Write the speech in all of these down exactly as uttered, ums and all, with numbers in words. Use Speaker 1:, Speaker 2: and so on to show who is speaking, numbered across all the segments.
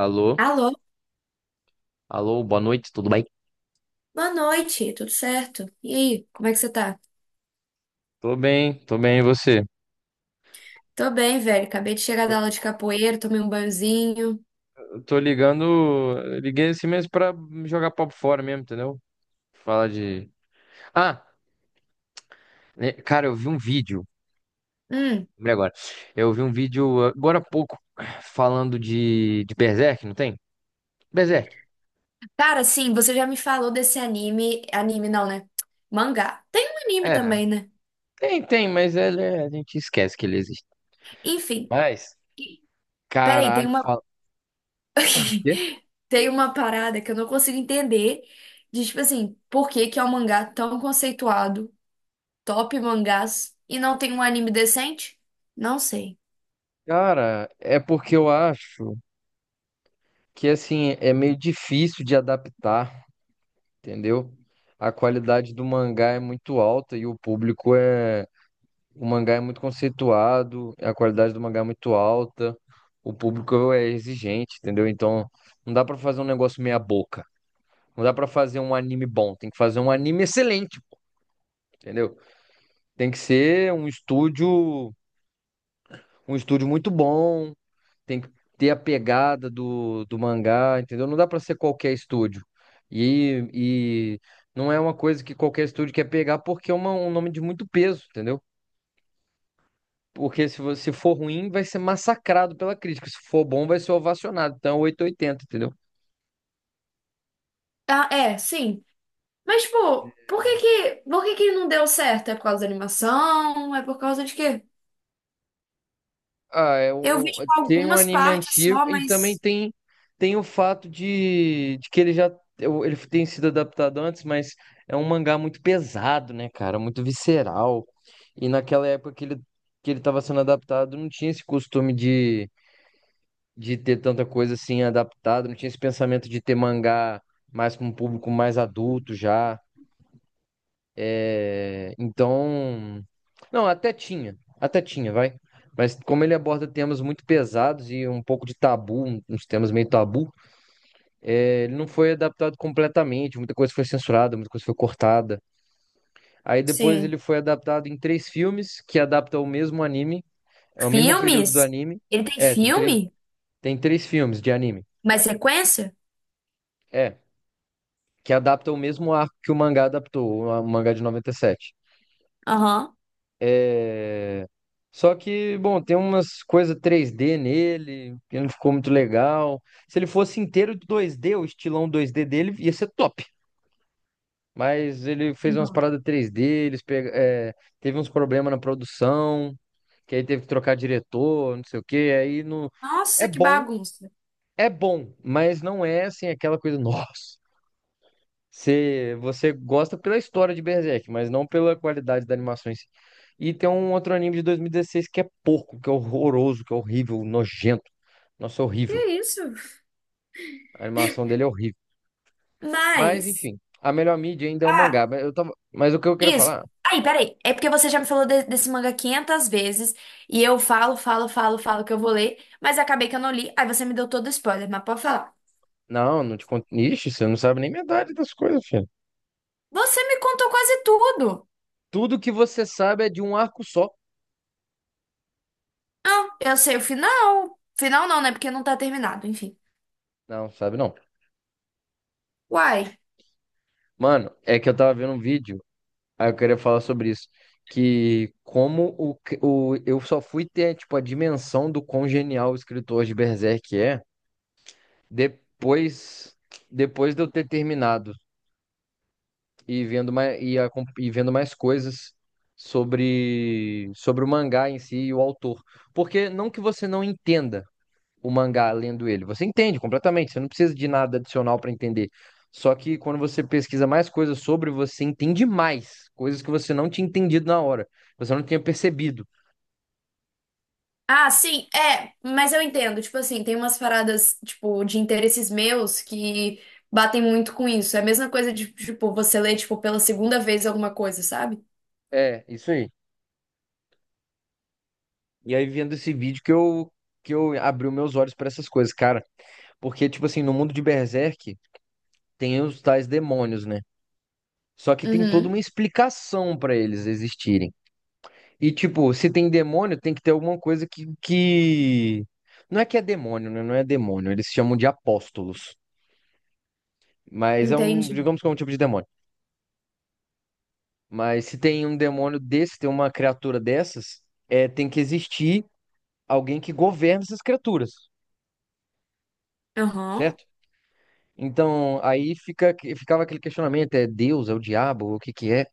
Speaker 1: Alô?
Speaker 2: Alô,
Speaker 1: Alô, boa noite, tudo bem?
Speaker 2: boa noite, tudo certo? E aí, como é que você tá?
Speaker 1: Tô bem, tô bem, e você?
Speaker 2: Tô bem, velho. Acabei de chegar da aula de capoeira, tomei um banhozinho.
Speaker 1: Eu tô ligando, eu liguei assim mesmo pra jogar papo fora mesmo, entendeu? Falar de... Ah, né, cara, eu vi um vídeo,
Speaker 2: Hum,
Speaker 1: lembrei agora. Eu vi um vídeo agora há pouco falando de, de Berserk, não tem? Berserk.
Speaker 2: cara, sim, você já me falou desse anime. Anime não, né? Mangá. Tem um anime
Speaker 1: É,
Speaker 2: também, né?
Speaker 1: tem, tem, mas ele é- a gente esquece que ele existe.
Speaker 2: Enfim,
Speaker 1: Mas,
Speaker 2: peraí, tem
Speaker 1: caralho,
Speaker 2: uma,
Speaker 1: fala... Quê?
Speaker 2: tem uma parada que eu não consigo entender. De tipo assim, por que que é um mangá tão conceituado, top mangás, e não tem um anime decente? Não sei.
Speaker 1: Cara, é porque eu acho que, assim, é meio difícil de adaptar, entendeu? A qualidade do mangá é muito alta e o público é. O mangá é muito conceituado, a qualidade do mangá é muito alta, o público é exigente, entendeu? Então, não dá pra fazer um negócio meia boca. Não dá pra fazer um anime bom, tem que fazer um anime excelente, entendeu? Tem que ser um estúdio, um estúdio muito bom, tem que ter a pegada do, do mangá, entendeu? Não dá pra ser qualquer estúdio. E, e não é uma coisa que qualquer estúdio quer pegar porque é uma- um nome de muito peso, entendeu? Porque se você for ruim, vai ser massacrado pela crítica. Se for bom, vai ser ovacionado. Então, é oitocentos e oitenta, entendeu?
Speaker 2: Ah, é, sim. Mas, tipo, por que que, por que que não deu certo? É por causa da animação? É por causa de quê?
Speaker 1: Ah, é
Speaker 2: Eu vi,
Speaker 1: um, um,
Speaker 2: tipo,
Speaker 1: tem um
Speaker 2: algumas
Speaker 1: anime
Speaker 2: partes
Speaker 1: antigo
Speaker 2: só,
Speaker 1: e também
Speaker 2: mas.
Speaker 1: tem, tem o fato de, de que ele já eu- ele tem sido adaptado antes, mas é um mangá muito pesado, né, cara? Muito visceral. E naquela época que ele, que ele estava sendo adaptado, não tinha esse costume de, de ter tanta coisa assim adaptada, não tinha esse pensamento de ter mangá mais para um público mais adulto já. Então, não, até tinha, até tinha, vai. Mas como ele aborda temas muito pesados e um pouco de tabu, um- uns temas meio tabu, é, ele não foi adaptado completamente, muita coisa foi censurada, muita coisa foi cortada. Aí depois
Speaker 2: Sim.
Speaker 1: ele foi adaptado em três filmes que adaptam o mesmo anime, é o mesmo período do
Speaker 2: Filmes?
Speaker 1: anime.
Speaker 2: Ele tem
Speaker 1: É, tem três,
Speaker 2: filme?
Speaker 1: tem três filmes de anime.
Speaker 2: Mais sequência?
Speaker 1: É, que adaptam o mesmo arco que o mangá adaptou, o mangá de noventa e sete.
Speaker 2: Aham.
Speaker 1: É... Só que, bom, tem umas coisas três D nele, que não ficou muito legal. Se ele fosse inteiro dois D, o estilão dois D dele ia ser top. Mas ele fez umas paradas três D, eles pega... é, teve uns problemas na produção, que aí teve que trocar diretor, não sei o quê. Aí não... É
Speaker 2: Nossa, que
Speaker 1: bom,
Speaker 2: bagunça.
Speaker 1: é bom, mas não é assim aquela coisa, nossa. Você, você gosta pela história de Berserk, mas não pela qualidade da animação em si. E tem um outro anime de dois mil e dezesseis que é porco, que é horroroso, que é horrível, nojento. Nossa, é
Speaker 2: Que
Speaker 1: horrível.
Speaker 2: isso?
Speaker 1: A animação dele é horrível. Mas,
Speaker 2: Mas.
Speaker 1: enfim, a melhor mídia ainda é o
Speaker 2: Ah,
Speaker 1: mangá. Mas, eu tava... mas o que eu queria
Speaker 2: isso.
Speaker 1: falar?
Speaker 2: Aí, peraí. É porque você já me falou de- desse manga quinhentas vezes. E eu falo, falo, falo, falo que eu vou ler. Mas acabei que eu não li. Aí você me deu todo o spoiler. Mas pode falar.
Speaker 1: Não, não te conto. Ixi, você não sabe nem metade das coisas, filho.
Speaker 2: Você me contou quase tudo.
Speaker 1: Tudo que você sabe é de um arco só.
Speaker 2: Ah, eu sei o final. Final não, né? Porque não tá terminado, enfim.
Speaker 1: Não, sabe não.
Speaker 2: Uai.
Speaker 1: Mano, é que eu tava vendo um vídeo. Aí eu queria falar sobre isso. Que como o, cri- o, eu só fui ter, tipo, a dimensão do quão genial o escritor de Berserk é depois, depois de eu ter terminado e vendo mais, e, a- e vendo mais coisas sobre, sobre o mangá em si e o autor. Porque não que você não entenda, o mangá lendo ele. Você entende completamente, você não precisa de nada adicional para entender. Só que quando você pesquisa mais coisas sobre, você entende mais coisas que você não tinha entendido na hora, você não tinha percebido.
Speaker 2: Ah, sim, é, mas eu entendo. Tipo assim, tem umas paradas, tipo, de interesses meus que batem muito com isso. É a mesma coisa de, tipo, você ler, tipo, pela segunda vez alguma coisa, sabe?
Speaker 1: É, isso aí. E aí vendo esse vídeo que eu que eu abri os meus olhos para essas coisas, cara, porque tipo assim, no mundo de Berserk tem os tais demônios, né? Só que tem toda
Speaker 2: Uhum,
Speaker 1: uma explicação para eles existirem. E, tipo, se tem demônio, tem que ter alguma coisa que, que... Não é que é demônio, né? Não é demônio. Eles chamam de apóstolos. Mas é um,
Speaker 2: entendi.
Speaker 1: digamos que é um tipo de demônio. Mas se tem um demônio desse, tem uma criatura dessas, é, tem que existir alguém que governa essas criaturas,
Speaker 2: Aham.
Speaker 1: certo? Então, aí fica, ficava aquele questionamento, é Deus, é o diabo, o que que é?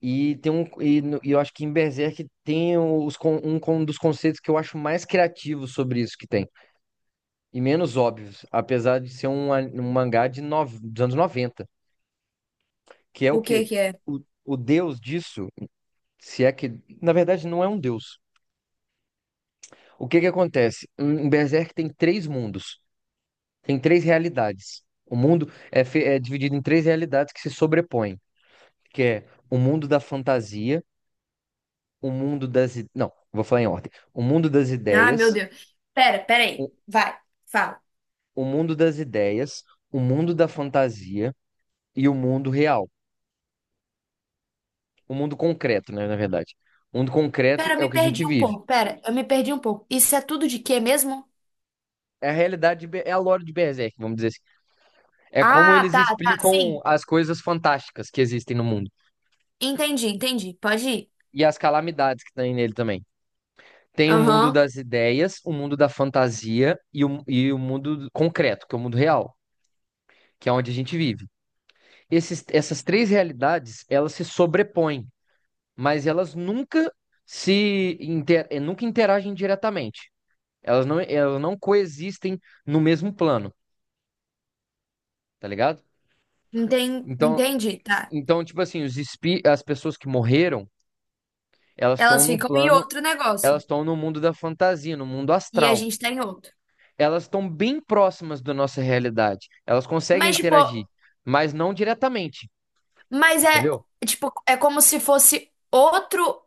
Speaker 1: E tem um, e, no- e eu acho que em Berserk tem os, con- um, con- dos conceitos que eu acho mais criativos sobre isso que tem, e menos óbvios, apesar de ser um, a- um mangá de nove- dos anos noventa, que é o
Speaker 2: O que
Speaker 1: quê?
Speaker 2: que é?
Speaker 1: O, o deus disso, se é que, na verdade, não é um deus. O que que acontece? Em em Berserk tem três mundos, tem três realidades. O mundo é, fe- é dividido em três realidades que se sobrepõem, que é o mundo da fantasia, o mundo das... i- não, vou falar em ordem. O mundo das
Speaker 2: Ah, meu
Speaker 1: ideias,
Speaker 2: Deus. Pera, pera
Speaker 1: o
Speaker 2: aí. Vai, fala.
Speaker 1: o mundo das ideias, o mundo da fantasia e o mundo real. O mundo concreto, né, na verdade. O mundo concreto
Speaker 2: Pera, eu
Speaker 1: é o
Speaker 2: me
Speaker 1: que a gente
Speaker 2: perdi um
Speaker 1: vive.
Speaker 2: pouco. Pera, eu me perdi um pouco. Isso é tudo de quê mesmo?
Speaker 1: É a realidade, de Be- é a lore de Berserk, vamos dizer assim. É como
Speaker 2: Ah,
Speaker 1: eles
Speaker 2: tá, tá,
Speaker 1: explicam
Speaker 2: sim.
Speaker 1: as coisas fantásticas que existem no mundo.
Speaker 2: Entendi, entendi. Pode ir.
Speaker 1: E as calamidades que tem nele também. Tem o mundo
Speaker 2: Aham.
Speaker 1: das ideias, o mundo da fantasia e o, e o mundo concreto, que é o mundo real, que é onde a gente vive. Esses, essas três realidades, elas se sobrepõem, mas elas nunca se inter- nunca interagem diretamente. Elas não, elas não coexistem no mesmo plano. Tá ligado?
Speaker 2: Enten-
Speaker 1: Então,
Speaker 2: Entendi, tá.
Speaker 1: então tipo assim, os espi as pessoas que morreram, elas estão
Speaker 2: Elas
Speaker 1: no
Speaker 2: ficam em
Speaker 1: plano,
Speaker 2: outro negócio
Speaker 1: elas estão no mundo da fantasia, no mundo
Speaker 2: e a
Speaker 1: astral.
Speaker 2: gente tá em outro.
Speaker 1: Elas estão bem próximas da nossa realidade. Elas conseguem
Speaker 2: Mas, tipo,
Speaker 1: interagir, mas não diretamente,
Speaker 2: mas é,
Speaker 1: entendeu?
Speaker 2: tipo, é como se fosse outro,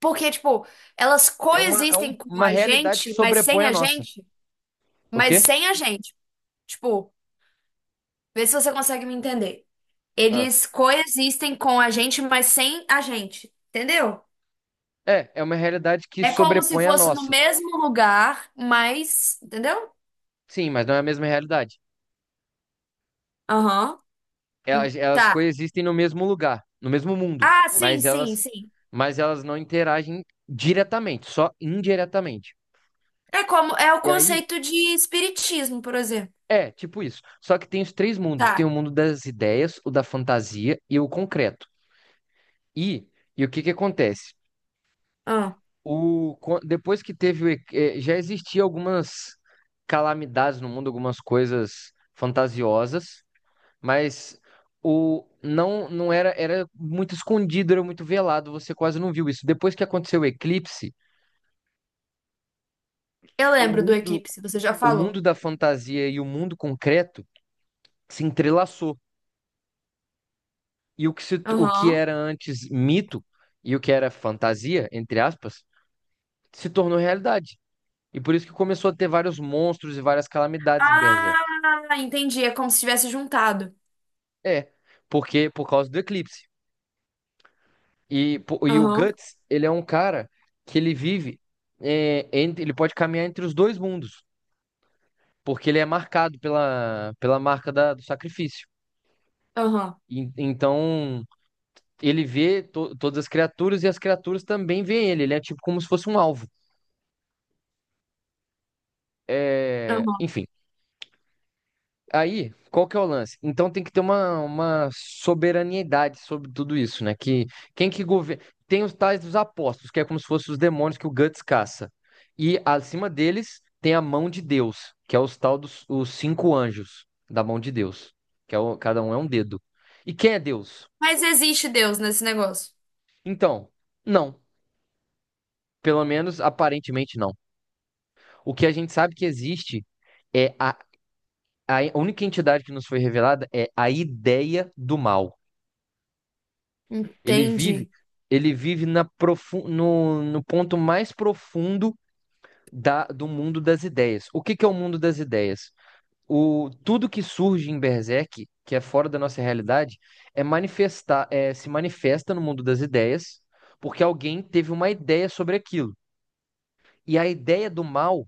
Speaker 2: porque, tipo, elas
Speaker 1: É uma, é um-
Speaker 2: coexistem com
Speaker 1: uma
Speaker 2: a
Speaker 1: realidade que
Speaker 2: gente, mas sem
Speaker 1: sobrepõe a
Speaker 2: a
Speaker 1: nossa.
Speaker 2: gente,
Speaker 1: O
Speaker 2: mas
Speaker 1: quê?
Speaker 2: sem a gente. Tipo, vê se você consegue me entender.
Speaker 1: Ah.
Speaker 2: Eles coexistem com a gente, mas sem a gente, entendeu?
Speaker 1: É, é uma realidade que
Speaker 2: É como se
Speaker 1: sobrepõe a
Speaker 2: fosse no
Speaker 1: nossa.
Speaker 2: mesmo lugar, mas, entendeu?
Speaker 1: Sim, mas não é a mesma realidade.
Speaker 2: Aham.
Speaker 1: elas, elas
Speaker 2: Tá.
Speaker 1: coexistem no mesmo lugar, no mesmo mundo,
Speaker 2: Ah, sim,
Speaker 1: mas
Speaker 2: sim,
Speaker 1: elas,
Speaker 2: sim.
Speaker 1: mas elas não interagem diretamente, só indiretamente.
Speaker 2: É como é o
Speaker 1: E aí,
Speaker 2: conceito de espiritismo, por exemplo.
Speaker 1: é, tipo isso. Só que tem os três mundos: tem o
Speaker 2: Tá.
Speaker 1: mundo das ideias, o da fantasia e o concreto. E, e, o que que acontece?
Speaker 2: Ah,
Speaker 1: O, co- depois que teve, o e- eh, já existiam algumas calamidades no mundo, algumas coisas fantasiosas. Mas o não não era era muito escondido, era muito velado, você quase não viu isso. Depois que aconteceu o eclipse,
Speaker 2: eu
Speaker 1: o
Speaker 2: lembro do
Speaker 1: mundo
Speaker 2: eclipse, você já
Speaker 1: o
Speaker 2: falou.
Speaker 1: mundo da fantasia e o mundo concreto se entrelaçou. E o que se, o que
Speaker 2: Aham.
Speaker 1: era antes mito e o que era fantasia, entre aspas, se tornou realidade. E por isso que começou a ter vários monstros e várias calamidades em Berserk.
Speaker 2: Ah, entendi. É como se tivesse juntado.
Speaker 1: É, porque por causa do eclipse. E, pô, e o
Speaker 2: Aham,
Speaker 1: Guts, ele é um cara que ele vive, é, entre, ele pode caminhar entre os dois mundos, porque ele é marcado pela, pela marca da- do sacrifício.
Speaker 2: aham,
Speaker 1: E então, ele vê to- todas as criaturas e as criaturas também veem ele. Ele é tipo como se fosse um alvo. É,
Speaker 2: aham.
Speaker 1: enfim. Aí, qual que é o lance? Então tem que ter uma, uma soberaniedade sobre tudo isso, né? Que quem que governa. Tem os tais dos apóstolos, que é como se fossem os demônios que o Guts caça. E acima deles tem a mão de Deus, que é os tal dos os cinco anjos da mão de Deus, que é o- cada um é um dedo. E quem é Deus?
Speaker 2: Mas existe Deus nesse negócio.
Speaker 1: Então, não. Pelo menos aparentemente não. O que a gente sabe que existe é a, a única entidade que nos foi revelada é a ideia do mal. Ele vive,
Speaker 2: Entendi,
Speaker 1: ele vive na profu no, no ponto mais profundo da, do mundo das ideias. O que que é o mundo das ideias? O, tudo que surge em Berserk, que é fora da nossa realidade, é manifestar, é, se manifesta no mundo das ideias, porque alguém teve uma ideia sobre aquilo. E a ideia do mal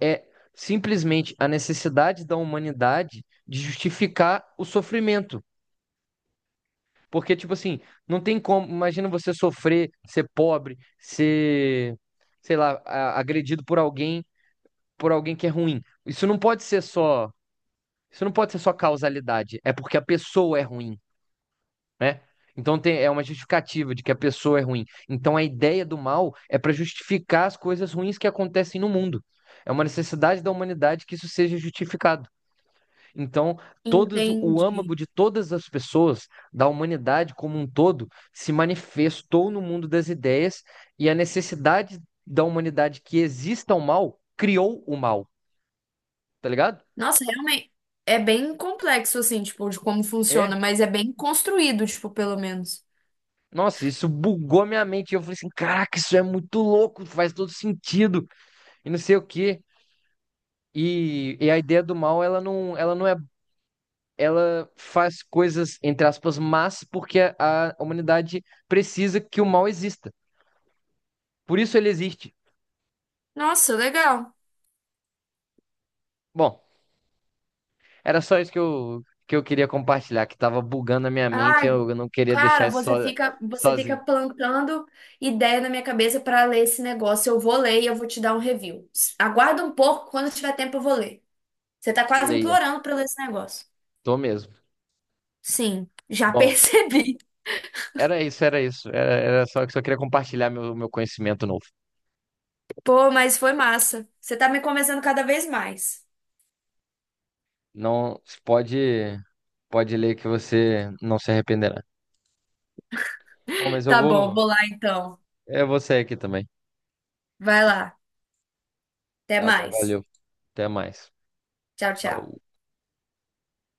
Speaker 1: é simplesmente a necessidade da humanidade de justificar o sofrimento. Porque, tipo assim, não tem como. Imagina você sofrer, ser pobre, ser, sei lá, a- agredido por alguém, por alguém que é ruim. Isso não pode ser só. Isso não pode ser só causalidade. É porque a pessoa é ruim, né? Então tem, é uma justificativa de que a pessoa é ruim. Então a ideia do mal é para justificar as coisas ruins que acontecem no mundo. É uma necessidade da humanidade que isso seja justificado. Então, todas, o
Speaker 2: entendi.
Speaker 1: âmago de todas as pessoas, da humanidade como um todo, se manifestou no mundo das ideias e a necessidade da humanidade que exista o mal criou o mal, tá ligado?
Speaker 2: Nossa, realmente é bem complexo, assim, tipo, de como
Speaker 1: É.
Speaker 2: funciona, mas é bem construído, tipo, pelo menos.
Speaker 1: Nossa, isso bugou minha mente. Eu falei assim: caraca, isso é muito louco, faz todo sentido, e não sei o quê. E, e a ideia do mal, ela não, ela não é. Ela faz coisas, entre aspas, mas porque a a humanidade precisa que o mal exista. Por isso ele existe.
Speaker 2: Nossa, legal.
Speaker 1: Bom, era só isso que eu, que eu queria compartilhar, que tava bugando a minha mente e
Speaker 2: Ai,
Speaker 1: eu eu não queria deixar
Speaker 2: cara,
Speaker 1: isso
Speaker 2: você
Speaker 1: so-
Speaker 2: fica, você fica
Speaker 1: sozinho.
Speaker 2: plantando ideia na minha cabeça para ler esse negócio. Eu vou ler e eu vou te dar um review. S- Aguarda um pouco, quando tiver tempo eu vou ler. Você tá quase
Speaker 1: Leia,
Speaker 2: implorando para ler esse negócio.
Speaker 1: tô mesmo.
Speaker 2: Sim, já
Speaker 1: Bom,
Speaker 2: percebi.
Speaker 1: era isso, era isso. Era, era só que só queria compartilhar meu, meu conhecimento novo.
Speaker 2: Pô, mas foi massa. Você tá me convencendo cada vez mais.
Speaker 1: Não, pode, pode ler que você não se arrependerá. Bom, mas eu
Speaker 2: Tá bom,
Speaker 1: vou,
Speaker 2: vou lá então.
Speaker 1: eu vou sair aqui também.
Speaker 2: Vai lá. Até
Speaker 1: Tá bom,
Speaker 2: mais.
Speaker 1: valeu. Até mais.
Speaker 2: Tchau, tchau.
Speaker 1: Falou.